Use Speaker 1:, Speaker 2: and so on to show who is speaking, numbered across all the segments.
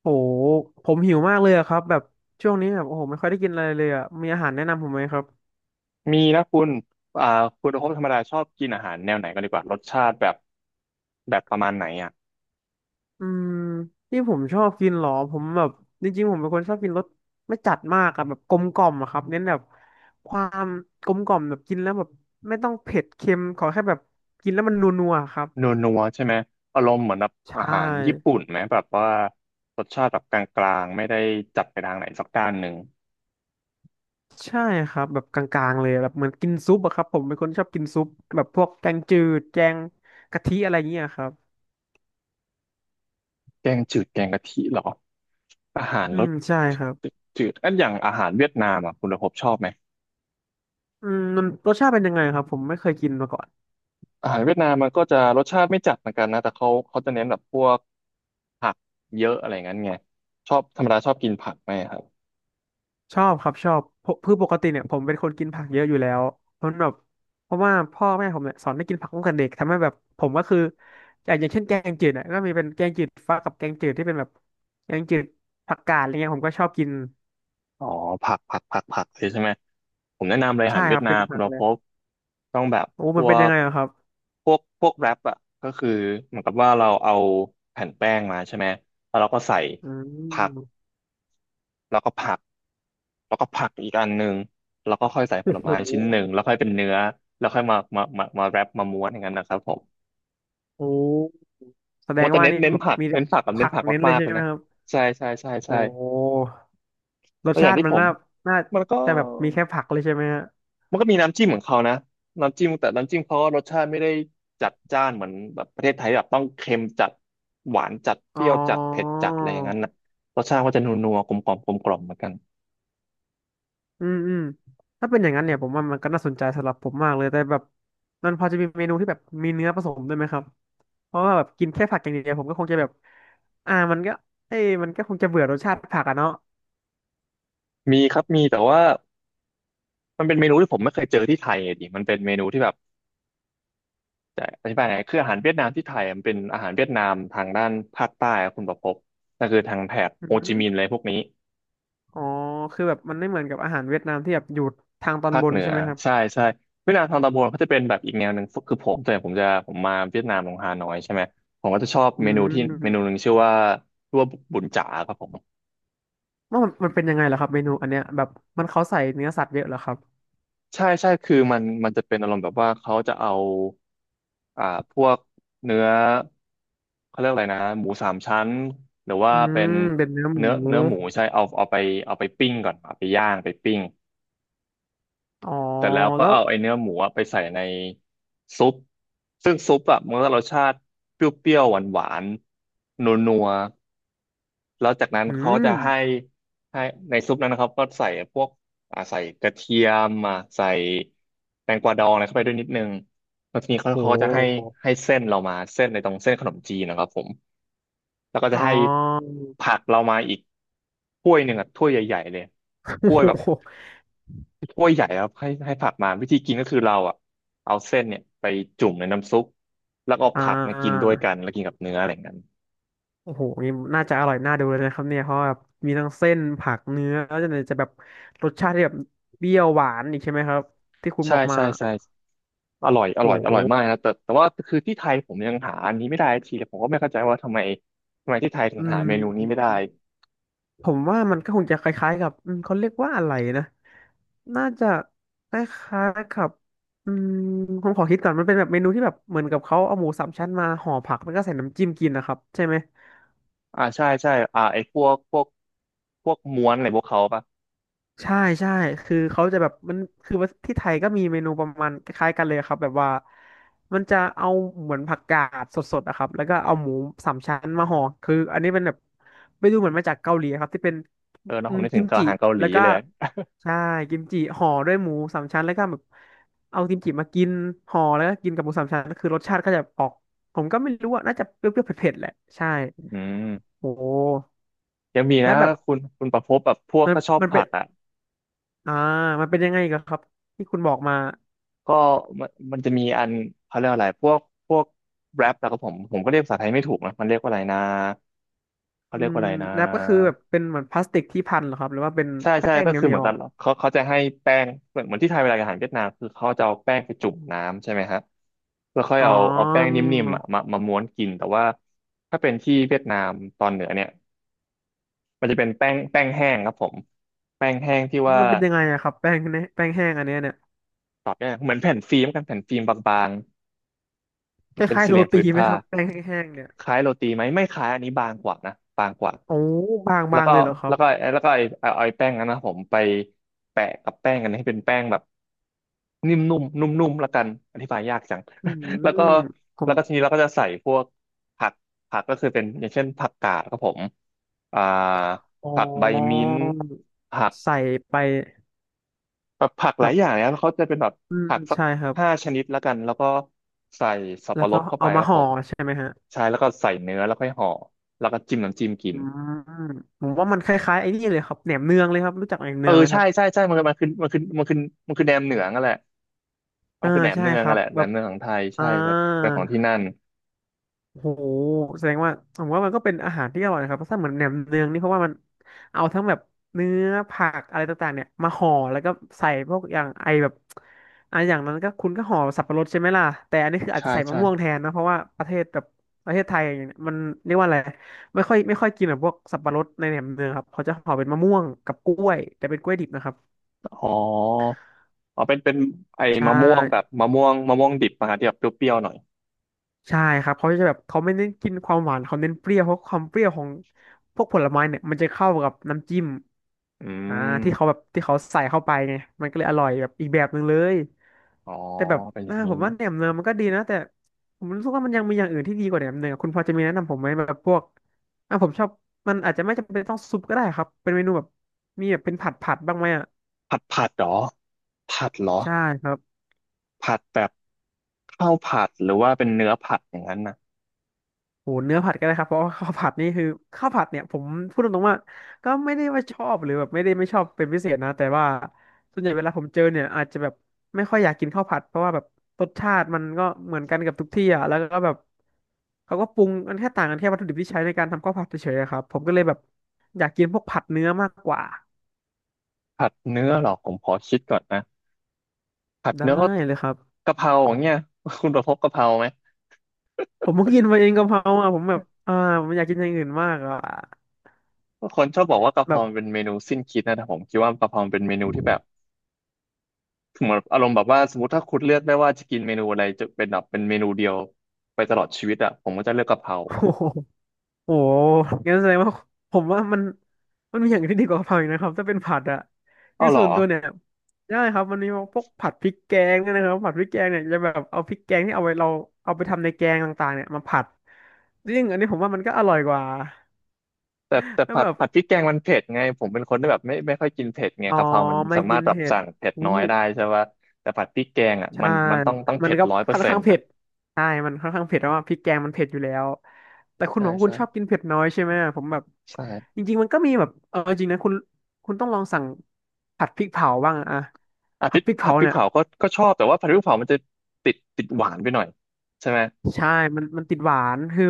Speaker 1: โหผมหิวมากเลยอะครับแบบช่วงนี้แบบโอ้โหไม่ค่อยได้กินอะไรเลยอะมีอาหารแนะนำผมไหมครับ
Speaker 2: มีนะคุณอ่าคุณโอภพธรรมดาชอบกินอาหารแนวไหนกันดีกว่ารสชาติแบบประมาณไหนอ่ะ
Speaker 1: อืมที่ผมชอบกินเหรอผมแบบจริงๆผมเป็นคนชอบกินรสไม่จัดมากอะแบบกลมกล่อมอะครับเน้นแบบความกลมกล่อมแบบกินแล้วแบบไม่ต้องเผ็ดเค็มขอแค่แบบกินแล้วมันนัวๆครับ
Speaker 2: นัวนัวใช่ไหมอารมณ์เหมือนแบบอา
Speaker 1: ใช่
Speaker 2: หารญี่ปุ่นไหมแบบว่ารสชาติแบบกลางๆไม่ได้จัดไปทางไหนสักด้านหนึ่ง
Speaker 1: ใช่ครับแบบกลางๆเลยแบบเหมือนกินซุปอะครับผมเป็นคนชอบกินซุปแบบพวกแกงจืดแกงกะทิอะไรเงี้ยครับ
Speaker 2: แกงจืดแกงกะทิเหรออาหาร
Speaker 1: อื
Speaker 2: ร
Speaker 1: ม
Speaker 2: ส
Speaker 1: ใช่ครับ
Speaker 2: จืดๆอันอย่างอาหารเวียดนามอ่ะคุณโอภพชอบไหม
Speaker 1: อืมมันรสชาติเป็นยังไงครับผมไม่เคยกินมาก่อน
Speaker 2: อาหารเวียดนามมันก็จะรสชาติไม่จัดเหมือนกันนะแต่เขาจะเน้นแบบพวกผักเยอะอะไรงั้นไงชอบธรรมดาชอบกินผักไหมครับ
Speaker 1: ชอบครับชอบเพราะคือปกติเนี่ยผมเป็นคนกินผักเยอะอยู่แล้วเพราะแบบเพราะว่าพ่อแม่ผมเนี่ยสอนให้กินผักตั้งแต่เด็กทำให้แบบผมก็คืออย่างเช่นแกงจืดเนี่ยก็มีเป็นแกงจืดฟักกับแกงจืดที่เป็นแบบแกงจืดผักกาดอะไรเงี้ยผมก็ชอบกิน
Speaker 2: อ๋อผักผักผักผักเลยใช่ไหมผมแนะนำเลยอา
Speaker 1: ใช่
Speaker 2: หารเวี
Speaker 1: ค
Speaker 2: ยด
Speaker 1: รับ
Speaker 2: นา
Speaker 1: เป็น
Speaker 2: มคุ
Speaker 1: ผั
Speaker 2: ณ
Speaker 1: ก
Speaker 2: เรา
Speaker 1: เล
Speaker 2: พ
Speaker 1: ย
Speaker 2: บต้องแบบ
Speaker 1: โอ้
Speaker 2: พ
Speaker 1: มัน
Speaker 2: ว
Speaker 1: เป็นยั
Speaker 2: ก
Speaker 1: งไงอะครับ
Speaker 2: พวกแรปอ่ะก็คือเหมือนกับว่าเราเอาแผ่นแป้งมาใช่ไหมแล้วเราก็ใส่
Speaker 1: อื
Speaker 2: ผัก
Speaker 1: ม
Speaker 2: แล้วก็ผักแล้วก็ผักอีกอันหนึ่งแล้วก็ค่อยใส่ผ
Speaker 1: โอ้
Speaker 2: ล
Speaker 1: โห
Speaker 2: ไม้ชิ้นหนึ่งแล้วค่อยเป็นเนื้อแล้วค่อยมาแรปมาม้วนอย่างนั้นนะครับผม
Speaker 1: โอ้แสด
Speaker 2: ว่า
Speaker 1: ง
Speaker 2: แต่
Speaker 1: ว่านี่
Speaker 2: เน้น
Speaker 1: แบบ
Speaker 2: ผัก
Speaker 1: มีแต่
Speaker 2: เน้นผักกับเน้
Speaker 1: ผั
Speaker 2: น
Speaker 1: ก
Speaker 2: ผัก
Speaker 1: เน้นเล
Speaker 2: มา
Speaker 1: ย
Speaker 2: กๆ
Speaker 1: ใช่
Speaker 2: เลย
Speaker 1: ไหม
Speaker 2: นะ
Speaker 1: ครับ
Speaker 2: ใช่ใช่ใช่ใช่
Speaker 1: โอ้รส
Speaker 2: แล้วอ
Speaker 1: ชา
Speaker 2: ย่าง
Speaker 1: ติ
Speaker 2: ที่
Speaker 1: มัน
Speaker 2: ผม
Speaker 1: น่าน่า
Speaker 2: มันก็
Speaker 1: จะแบบมีแค่ผักเลยใช่ไหมฮะ
Speaker 2: มันก็มีน้ำจิ้มของเขานะน้ำจิ้มแต่น้ำจิ้มเขาก็รสชาติไม่ได้จัดจ้านเหมือนแบบประเทศไทยแบบต้องเค็มจัดหวานจัดเป
Speaker 1: อ๋
Speaker 2: รี้
Speaker 1: อ
Speaker 2: ยวจัดเผ็ดจัดอะไรอย่างนั้นนะรสชาติก็จะนัวๆกลมกล่อมกลมกล่อมเหมือนกัน
Speaker 1: อืมอืมถ้าเป็นอย่างนั้นเนี่ยผมว่ามันก็น่าสนใจสำหรับผมมากเลยแต่แบบมันพอจะมีเมนูที่แบบมีเนื้อผสมด้วยไหมครับเพราะว่าแบบกินแค่ผักอย่างเดียวผมก็คงจะแบบมันก็เอ้ยมันก็คงจะเบื่อรสชาติผักอะเนาะ
Speaker 2: มีครับมีแต่ว่ามันเป็นเมนูที่ผมไม่เคยเจอที่ไทยอะดิมันเป็นเมนูที่แบบจะอธิบายไงคืออาหารเวียดนามที่ไทยอะมันเป็นอาหารเวียดนามทางด้านภาคใต้อะคุณประภพนั่นคือทางแถบ
Speaker 1: อื
Speaker 2: โฮจิมินห์อะ
Speaker 1: ม
Speaker 2: ไรพวกนี้
Speaker 1: อ๋อคือแบบมันไม่เหมือนกับอาหารเวียดนามที่แบบอยู่ทางตอน
Speaker 2: ภาค
Speaker 1: บน
Speaker 2: เหนือ
Speaker 1: ใช่ไหมครับ
Speaker 2: ใช่ใช่เวียดนามทางตะบนกาจะเป็นแบบอีกแนวหนึ่งคือผมแต่ผมจะผมมาเวียดนามลงฮานอยใช่ไหมผมก็จะชอบ
Speaker 1: อื
Speaker 2: เมนูที่เมนู
Speaker 1: ม
Speaker 2: หนึ่งชื่อว่าตัวบุญจ๋าครับผม
Speaker 1: ว่ามันเป็นยังไงเหรอครับเมนูอันเนี้ยแบบมันเขาใส่เนื้อสัตว์เยอะเหรอครับ
Speaker 2: ใช่ใช่คือมันจะเป็นอารมณ์แบบว่าเขาจะเอาอ่าพวกเนื้อเขาเรียกอะไรนะหมูสามชั้นหรือว่า
Speaker 1: อื
Speaker 2: เป็น
Speaker 1: ม เป็นเนื้อหมู
Speaker 2: เนื้อหมูใช่เอาไปปิ้งก่อนเอาไปย่างไปปิ้ง
Speaker 1: อ๋อ
Speaker 2: เสร็จแล้วก็
Speaker 1: แล้ว
Speaker 2: เอาไอเนื้อหมูอะไปใส่ในซุปซึ่งซุปอะมันก็รสชาติเปรี้ยวๆหวานๆนัวๆแล้วจากนั้น
Speaker 1: อื
Speaker 2: เขาจะให้
Speaker 1: ม
Speaker 2: ให้ในซุปนั้นนะครับก็ใส่พวกใส่กระเทียมอ่ะใส่แตงกวาดองอะไรเข้าไปด้วยนิดนึงแล้วทีนี้เขา
Speaker 1: โ
Speaker 2: เขาก็จะให้
Speaker 1: ห
Speaker 2: เส้นเรามาเส้นในตรงเส้นขนมจีนนะครับผมแล้วก็จะ
Speaker 1: อ๋อ
Speaker 2: ให้ผักเรามาอีกถ้วยหนึ่งอ่ะถ้วยใหญ่ๆเลย
Speaker 1: โอ้
Speaker 2: ถ้วยแบบ
Speaker 1: โห
Speaker 2: ถ้วยใหญ่ครับให้ผักมาวิธีกินก็คือเราอ่ะเอาเส้นเนี่ยไปจุ่มในน้ำซุปแล้วก็เอา
Speaker 1: อ่
Speaker 2: ผักมากินด้ว
Speaker 1: า
Speaker 2: ยกันแล้วกินกับเนื้ออะไรอย่างนั้น
Speaker 1: โอ้โหนี่น่าจะอร่อยน่าดูเลยนะครับเนี่ยเพราะแบบมีทั้งเส้นผักเนื้อแล้วจะแบบรสชาติที่แบบเปรี้ยวหวานอีกใช่ไหมครับที่คุณ
Speaker 2: ใช่
Speaker 1: บอกมา
Speaker 2: ใช่ใช่อร่อยอ
Speaker 1: โอ้
Speaker 2: ร่อยอ
Speaker 1: โห
Speaker 2: ร่อยมากนะแต่แต่ว่าคือที่ไทยผมยังหาอันนี้ไม่ได้ทีเลยผมก็ไม่เข้าใจว่าทำไมทำไมที่ไทยถึง
Speaker 1: อื
Speaker 2: หา
Speaker 1: ม
Speaker 2: เมนูนี้ไม่ได้
Speaker 1: ผมว่ามันก็คงจะคล้ายๆกับอืมเขาเรียกว่าอะไรนะ น่าจะคล้ายๆกับ อืมผมขอคิดก่อนมันเป็นแบบเมนูที่แบบเหมือนกับเขาเอาหมูสามชั้นมาห่อผักแล้วก็ใส่น้ำจิ้มกินนะครับใช่ไหม
Speaker 2: อ่าใช่ใช่ไอ้พวกม้วนอะไรพวกเขาปะ
Speaker 1: ใช่ใช่คือเขาจะแบบมันคือว่าที่ไทยก็มีเมนูประมาณคล้ายๆกันเลยครับแบบว่ามันจะเอาเหมือนผักกาดสดๆนะครับแล้วก็เอาหมูสามชั้นมาห่อคืออันนี้เป็นแบบไม่ดูเหมือนมาจากเกาหลีครับที่เป็น
Speaker 2: เออเนอะ
Speaker 1: อื
Speaker 2: ผม
Speaker 1: ม
Speaker 2: นึกถึ
Speaker 1: กิ
Speaker 2: ง
Speaker 1: มจิ
Speaker 2: อาหารเกาหลี
Speaker 1: แล้วก็
Speaker 2: เลย
Speaker 1: ใช่กิมจิห่อด้วยหมูสามชั้นแล้วก็แบบเอากิมจิมากินห่อแล้วก็กินกับหมูสามชั้นคือรสชาติก็จะออกผมก็ไม่รู้ว่าน่าจะเปรี้ยวๆเผ็ดๆแหละใช่
Speaker 2: อืม
Speaker 1: โอ้
Speaker 2: ยังมี
Speaker 1: แล้ว
Speaker 2: นะ
Speaker 1: แบบ
Speaker 2: คุณประพบแบบพวก
Speaker 1: มัน
Speaker 2: ก็ชอบ
Speaker 1: มันเป็
Speaker 2: ผั
Speaker 1: น
Speaker 2: กอ่ะ
Speaker 1: อ่ามันเป็นยังไงกันครับที่คุณบอกมา
Speaker 2: ก็มันจะมีอันเขาเรียกอะไรพวกแรปแล่ก็ผมก็เรียกภาษาไทยไม่ถูกนะมันเรียกว่าอะไรนะเขา
Speaker 1: อื
Speaker 2: เรียก
Speaker 1: ม
Speaker 2: ว่าอะไรนะ
Speaker 1: แรปก็คือแบบเป็นเหมือนพลาสติกที่พันเหรอครับหรือว่าเป็น
Speaker 2: ใช่
Speaker 1: แป้
Speaker 2: ใช่
Speaker 1: ง
Speaker 2: ก็
Speaker 1: เห
Speaker 2: คือ
Speaker 1: นี
Speaker 2: เหมื
Speaker 1: ย
Speaker 2: อ
Speaker 1: ว
Speaker 2: น
Speaker 1: ๆ
Speaker 2: กัน
Speaker 1: อะ
Speaker 2: เขาจะให้แป้งเหมือนที่ไทยเวลาอาหารเวียดนามคือเขาจะเอาแป้งไปจุ่มน้ำใช่ไหมฮะแล้วค่อย
Speaker 1: อ๋อ
Speaker 2: เอาแป้งนิ่มๆอ่ะมาม้วนกินแต่ว่าถ้าเป็นที่เวียดนามตอนเหนือเนี่ยมันจะเป็นแป้งแห้งครับผมแป้งแห้งที่ว่า
Speaker 1: มันเป็นยังไงอะครับแป้งเนี่ยแป้งแห้งอันเนี้ยเนี่ย
Speaker 2: ตอบได้เหมือนแผ่นฟิล์มกันแผ่นฟิล์มบาง
Speaker 1: ค
Speaker 2: ๆเป็น
Speaker 1: ล้ายๆ
Speaker 2: สี่
Speaker 1: โร
Speaker 2: เหลี่ยมผื
Speaker 1: ตี
Speaker 2: น
Speaker 1: ไหม
Speaker 2: ผ้า
Speaker 1: ครับแป้งแห้งๆเนี่ย
Speaker 2: คล้ายโรตีไหมไม่คล้ายอันนี้บางกว่านะบางกว่า
Speaker 1: โอ้บ
Speaker 2: แล้ว
Speaker 1: างๆ
Speaker 2: ก็
Speaker 1: เลยเหรอครั
Speaker 2: แล้
Speaker 1: บ
Speaker 2: วก็แล้วก็ไอ้แป้งนั้นนะผมไปแปะกับแป้งกันให้เป็นแป้งแบบนิ่มนุ่มนุ่มนุ่มละกันอธิบายยากจัง
Speaker 1: อื
Speaker 2: แล้วก็
Speaker 1: มผ
Speaker 2: แล้
Speaker 1: ม
Speaker 2: วก็ทีนี้เราก็จะใส่พวกผักก็คือเป็นอย่างเช่นผักกาดครับผมอ่า
Speaker 1: อ๋
Speaker 2: ผักใบ
Speaker 1: อ
Speaker 2: มิ้นท์ผัก
Speaker 1: ใส่ไป
Speaker 2: แบบผักหลาย
Speaker 1: แบบ
Speaker 2: อย่างนะแล้วเขาจะเป็นแบบ
Speaker 1: อืม
Speaker 2: ผักสัก
Speaker 1: ใช่ครับ
Speaker 2: ห้าชนิดละกันแล้วก็ใส่สับ
Speaker 1: แล้ว
Speaker 2: ปะร
Speaker 1: ก็
Speaker 2: ดเข้าไป
Speaker 1: เอา
Speaker 2: ค
Speaker 1: มา
Speaker 2: รับ
Speaker 1: ห่
Speaker 2: ผ
Speaker 1: อ
Speaker 2: ม
Speaker 1: ใช่ไหมฮะ
Speaker 2: ใช่แล้วก็ใส่เนื้อแล้วค่อยห่อแล้วก็จิ้มน้ำจิ้มกิ
Speaker 1: อื
Speaker 2: น
Speaker 1: มผมว่ามันคล้ายๆไอ้นี่เลยครับแหนมเนืองเลยครับรู้จักแหนม
Speaker 2: เอ
Speaker 1: เนื
Speaker 2: อ
Speaker 1: องไหมค
Speaker 2: ใช่
Speaker 1: รับ
Speaker 2: ใช่ใช่มันคือมันคือมันคือมันคือมันคือแหนมเหนืองอะแหละมั
Speaker 1: อ่า
Speaker 2: นคือแหนม
Speaker 1: ใช่
Speaker 2: เนือง
Speaker 1: ครั
Speaker 2: นั่ะ
Speaker 1: บ
Speaker 2: แหละแหน
Speaker 1: แบ
Speaker 2: ม
Speaker 1: บ
Speaker 2: เนืองของไทย
Speaker 1: อ่า
Speaker 2: ใช่แต่เปตนของที่นั่น
Speaker 1: โหแสดงว่าผมว่ามันก็เป็นอาหารที่อร่อยนะครับเพราะถ้าเหมือนแหนมเนืองนี่เพราะว่ามันเอาทั้งแบบเนื้อผักอะไรต่างๆเนี่ยมาห่อแล้วก็ใส่พวกอย่างไอแบบอ่ะอย่างนั้นก็คุณก็ห่อสับปะรดใช่ไหมล่ะแต่อันนี้คืออาจ
Speaker 2: ใช่
Speaker 1: จะใส่มะ
Speaker 2: ใช่
Speaker 1: ม่วงแทนนะเพราะว่าประเทศแบบประเทศไทยอย่างเงี้ยมันเรียกว่าอะไรไม่ค่อยกินแบบพวกสับปะรดในแหนมเนืองครับเขาจะห่อเป็นมะม่วงกับกล้วยแต่เป็นกล้วยดิบนะครับ
Speaker 2: อ๋ออ๋อเป็นไอ้
Speaker 1: ใช่
Speaker 2: มะม่วงแบบมะม่วงดิบมาที่แบบเปรี้ยวๆหน่อย
Speaker 1: ใช่ครับเขาจะแบบเขาไม่เน้นกินความหวานเขาเน้นเปรี้ยวเพราะความเปรี้ยวของพวกผลไม้เนี่ยมันจะเข้ากับน้ำจิ้ม
Speaker 2: อื
Speaker 1: อ่าที่เขา
Speaker 2: ม
Speaker 1: แบบที่เขาใส่เข้าไปไงมันก็เลยอร่อยแบบอีกแบบหนึ่งเลย
Speaker 2: อ๋อ
Speaker 1: แต่แบบ
Speaker 2: เป็นอย่างนี้
Speaker 1: ผมว่าแหนมเนืองมันก็ดีนะแต่ผมรู้สึกว่ามันยังมีอย่างอื่นที่ดีกว่าแหนมเนืองคุณพอจะมีแนะนำผมไหมแบบพวกผมชอบมันอาจจะไม่จำเป็นต้องซุปก็ได้ครับเป็นเมนูแบบมีแบบเป็นผัดบ้างไหมอ่ะ
Speaker 2: ผัดเหรอผัดเหรอ
Speaker 1: ใช่ครับ
Speaker 2: ผัดแบบข้าวผัดหรือว่าเป็นเนื้อผัดอย่างนั้นนะ
Speaker 1: โหเนื้อผัดก็ได้ครับเพราะว่า ข้าวผัดนี่คือข้าวผัดเนี่ยผมพูดตรงๆว่าก็ไม่ได้ว่าชอบหรือแบบไม่ได้ไม่ชอบเป็นพิเศษนะแต่ว่าส่วนใหญ่เวลาผมเจอเนี่ยอาจจะแบบไม่ค่อยอยากกินข้าวผัดเพราะว่าแบบรสชาติมันก็เหมือนกันกับทุกที่อ่ะแล้วก็แบบเขาก็ปรุงกันแค่ต่างกันแค่วัตถุดิบที่ใช้ในการทำข้าวผัดเฉยๆอะครับผมก็เลยแบบอยากกินพวกผัดเนื้อมากกว่า
Speaker 2: ผัดเนื้อเหรอผมขอคิดก่อนนะ ผัด
Speaker 1: ได้
Speaker 2: เนื้อก็
Speaker 1: เลยครับ
Speaker 2: กะเพราอย่างเงี้ยคุณประพบกะเพราไหม
Speaker 1: ผมเพิ่งกินมาเองกะเพราอ่ะผมแบบผมอยากกินอย่างอื่นมากอ่ะ
Speaker 2: คนชอบบอกว่ากะเพรา
Speaker 1: แบบ
Speaker 2: มันเป็นเมนูสิ้นคิดนะแต่ผมคิดว่ากะเพรามันเป็นเมนูที่แบบเหมือนอารมณ์แบบว่าสมมติถ้าคุณเลือกได้ว่าจะกินเมนูอะไรจะเป็นแบบเป็นเมนูเดียวไปตลอดชีวิตอ่ะผมก็จะเลือกกะเพรา
Speaker 1: โอ้
Speaker 2: อ่ะ
Speaker 1: โห โอ้งั้นแสดงว่าผมว่ามันมีอย่างอื่นที่ดีกว่ากะเพราอีกนะครับถ้าเป็นผัดอะคื
Speaker 2: เอ้า
Speaker 1: อ
Speaker 2: เหร
Speaker 1: ส่
Speaker 2: อ
Speaker 1: วนตัวเนี่ยได้ครับมันมีพวกผัดพริกแกงเนี่ยนะครับผัดพริกแกงเนี่ยจะแบบเอาพริกแกงที่เอาไว้เราเอาไปทำในแกงต่างๆเนี่ยมาผัดซึ่งอันนี้ผมว่ามันก็อร่อยกว่า
Speaker 2: แต่
Speaker 1: แล้ว
Speaker 2: ผัด
Speaker 1: แบบ
Speaker 2: ผัดพริกแกงมันเผ็ดไงผมเป็นคนที่แบบไม่ค่อยกินเผ็ดไง
Speaker 1: อ๋อ
Speaker 2: กะเพรามัน
Speaker 1: ไม่
Speaker 2: สามา
Speaker 1: กิ
Speaker 2: รถ
Speaker 1: น
Speaker 2: แบบ
Speaker 1: เผ็ด
Speaker 2: สั่งเผ็ด
Speaker 1: อู้
Speaker 2: น้อยได้ใช่ปะแต่ผัดพริกแกงอ่ะ
Speaker 1: ใช่
Speaker 2: มันต้อง
Speaker 1: มั
Speaker 2: เผ็
Speaker 1: น
Speaker 2: ด
Speaker 1: ก็
Speaker 2: ร้อยเปอ
Speaker 1: ค่อ
Speaker 2: ร์
Speaker 1: น
Speaker 2: เซ็น
Speaker 1: ข้าง
Speaker 2: ต์
Speaker 1: เผ็
Speaker 2: อ่ะ
Speaker 1: ดใช่มันค่อนข้างเผ็ดเพราะว่าพริกแกงมันเผ็ดอยู่แล้วแต่คุณ
Speaker 2: ใช่
Speaker 1: บอกว่าคุ
Speaker 2: ใช่
Speaker 1: ณชอบกินเผ็ดน้อยใช่ไหมผมแบบจ
Speaker 2: ใช่
Speaker 1: ริงๆมันก็มีแบบเออจริงนะคุณต้องลองสั่งผัดพริกเผาบ้างอะ
Speaker 2: อ่ะพ
Speaker 1: ผั
Speaker 2: ริ
Speaker 1: ด
Speaker 2: ก
Speaker 1: พริก
Speaker 2: ผั
Speaker 1: เผา
Speaker 2: ดพริก
Speaker 1: เนี่ย
Speaker 2: เผาก็ชอบแต่ว่าผัดพริกเผามันจะติดหวานไปหน่อยใช่ไหม
Speaker 1: ใช่มันติดหวานคือ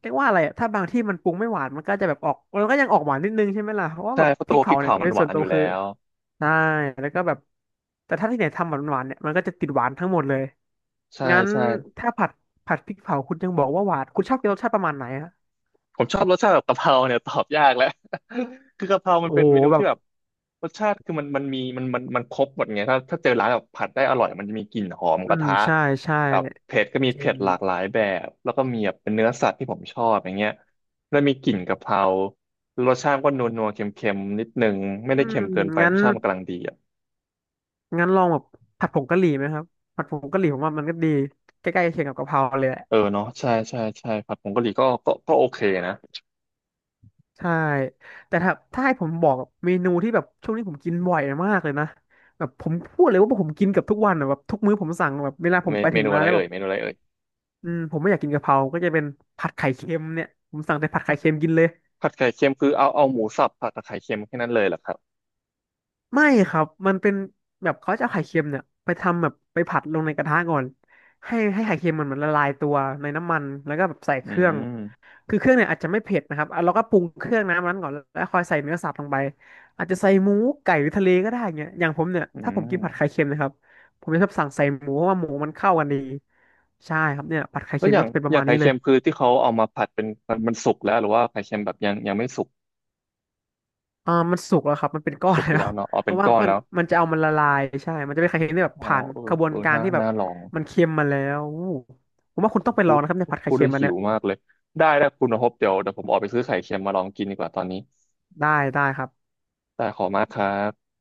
Speaker 1: เรียกว่าอะไรอะถ้าบางที่มันปรุงไม่หวานมันก็จะแบบออกมันก็ยังออกหวานนิดนึงใช่ไหมล่ะเพราะว่าแบ
Speaker 2: ใช่
Speaker 1: บ
Speaker 2: เพราะ
Speaker 1: พริ
Speaker 2: ตั
Speaker 1: ก
Speaker 2: วพริ
Speaker 1: เผา
Speaker 2: ก
Speaker 1: เนี่ย
Speaker 2: เผา
Speaker 1: โด
Speaker 2: มัน
Speaker 1: ย
Speaker 2: ห
Speaker 1: ส่
Speaker 2: วา
Speaker 1: วน
Speaker 2: น
Speaker 1: ตั
Speaker 2: อ
Speaker 1: ว
Speaker 2: ยู่
Speaker 1: คือ
Speaker 2: แล้ว
Speaker 1: ใช่แล้วก็แบบแต่ถ้าที่ไหนทำแบบหวานๆเนี่ยมันก็จะติดหวานทั้งหมดเลย
Speaker 2: ใช่
Speaker 1: งั้น
Speaker 2: ใช่
Speaker 1: ถ้าผัดพริกเผาคุณยังบอกว่าหวานคุณชอบกินรสชาติประมาณไหนฮะ
Speaker 2: ผมชอบรสชาติแบบกะเพราเนี่ยตอบยากแล้ว คือกะเพรามั
Speaker 1: โอ้
Speaker 2: นเป็นเม
Speaker 1: โห
Speaker 2: นู
Speaker 1: แบ
Speaker 2: ที่
Speaker 1: บ
Speaker 2: แบบรสชาติคือมันมีมันครบหมดไงถ้าถ้าเจอร้านแบบผัดได้อร่อยมันจะมีกลิ่นหอม
Speaker 1: อื
Speaker 2: กระ
Speaker 1: ม
Speaker 2: ทะ
Speaker 1: ใช่ใช่
Speaker 2: แบบเผ็ดก็มี
Speaker 1: จริ
Speaker 2: เผ็
Speaker 1: ง
Speaker 2: ดหลากหลายแบบแล้วก็มีแบบเป็นเนื้อสัตว์ที่ผมชอบอย่างเงี้ยแล้วมีกลิ่นกะเพรารสชาติก็นัวนัวเค็มเค็มๆนิดนึงไม่
Speaker 1: อื
Speaker 2: ได้เค็ม
Speaker 1: ม
Speaker 2: เกินไปร
Speaker 1: งั้น
Speaker 2: สชาติมันกำลังดี
Speaker 1: งั้นลองแบบผัดผงกะหรี่ไหมครับผัดผงกะหรี่ผมว่ามันก็ดีใกล้ๆเคียงกับกะเพราเลยแหละ
Speaker 2: เออเนาะใช่ใช่ใช่ผัดผงกะหรี่ก็โอเคนะ
Speaker 1: ใช่แต่ถ้าให้ผมบอกเมนูที่แบบช่วงนี้ผมกินบ่อยมากเลยนะแบบผมพูดเลยว่าผมกินเกับทุกวันอะแบบทุกมื้อผมสั่งแบบเวลาผม
Speaker 2: เม
Speaker 1: ไป
Speaker 2: เม
Speaker 1: ถึง
Speaker 2: นู
Speaker 1: ร้า
Speaker 2: อะ
Speaker 1: น
Speaker 2: ไร
Speaker 1: แล้ว
Speaker 2: เอ่
Speaker 1: แบ
Speaker 2: ย
Speaker 1: บ
Speaker 2: เมนูอะไรเอ่ย
Speaker 1: อืมผมไม่อยากกินกะเพราก็จะเป็นผัดไข่เค็มเนี่ยผมสั่งแต่ผัดไข่
Speaker 2: ผัด
Speaker 1: เค็มกินเลย
Speaker 2: ผัดไข่เค็มคือเอาหมูสับผัดกับไข่เค็มแค่นั้นเลยเหรอครับ
Speaker 1: ไม่ครับมันเป็นแบบเขาจะเอาไข่เค็มเนี่ยไปทำแบบไปผัดลงในกระทะก่อนให้ไข่เค็มมันละลายตัวในน้ำมันแล้วก็แบบใส่
Speaker 2: อื
Speaker 1: เครื่อง
Speaker 2: ม
Speaker 1: คือเครื่องเนี่ยอาจจะไม่เผ็ดนะครับอ่ะเราก็ปรุงเครื่องน้ำนั้นก่อนแล้วคอยใส่เนื้อสัตว์ลงไปอาจจะใส่หมูไก่หรือทะเลก็ได้เงี้ยอย่างผมเนี่ย
Speaker 2: อื
Speaker 1: ถ้าผมกินผัดไข่
Speaker 2: ม
Speaker 1: เค็มนะครับผมจะชอบสั่งใส่หมูเพราะว่าหมูมันเข้ากันดีใช่ครับเนี่ยผัดไข่
Speaker 2: แล้ว
Speaker 1: เค็ม
Speaker 2: อย่า
Speaker 1: ก็
Speaker 2: ง
Speaker 1: จะเป็นป
Speaker 2: อ
Speaker 1: ระ
Speaker 2: ย่าง
Speaker 1: มาณ
Speaker 2: ไข่
Speaker 1: นี้เล
Speaker 2: เค็
Speaker 1: ย
Speaker 2: มคือที่เขาเอามาผัดเป็นมันสุกแล้วหรือว่าไข่เค็มแบบยังไม่สุก
Speaker 1: มันสุกแล้วครับมันเป็นก้อน
Speaker 2: สุกอยู่
Speaker 1: แล้ว
Speaker 2: แล้วเนาะเอา
Speaker 1: เพ
Speaker 2: เป็น
Speaker 1: ราะว่า
Speaker 2: ก้อน
Speaker 1: มัน
Speaker 2: แล้ว
Speaker 1: มันจะเอามันละลายใช่ มันจะเป็นไข่เค็มที่แบบ
Speaker 2: อ๋อ
Speaker 1: ผ่าน
Speaker 2: เออ
Speaker 1: กระบว
Speaker 2: เอ
Speaker 1: น
Speaker 2: อ
Speaker 1: การ
Speaker 2: น่า
Speaker 1: ที่แบบ
Speaker 2: น่าลอง
Speaker 1: มันเค็มมาแล้วอู้ผมว่าคุ
Speaker 2: ผ
Speaker 1: ณต้
Speaker 2: ม
Speaker 1: องไป
Speaker 2: พู
Speaker 1: ลอง
Speaker 2: ด
Speaker 1: นะครับในผัดไข่เค็
Speaker 2: ได้ว
Speaker 1: มอัน
Speaker 2: หิ
Speaker 1: เนี้
Speaker 2: ว
Speaker 1: ย
Speaker 2: มากเลยได้ได้คุณพบเดี๋ยวผมออกไปซื้อไข่เค็มมาลองกินดีกว่าตอนนี้
Speaker 1: ได้ได้ครับ
Speaker 2: ได้ขอบคุณมากครับ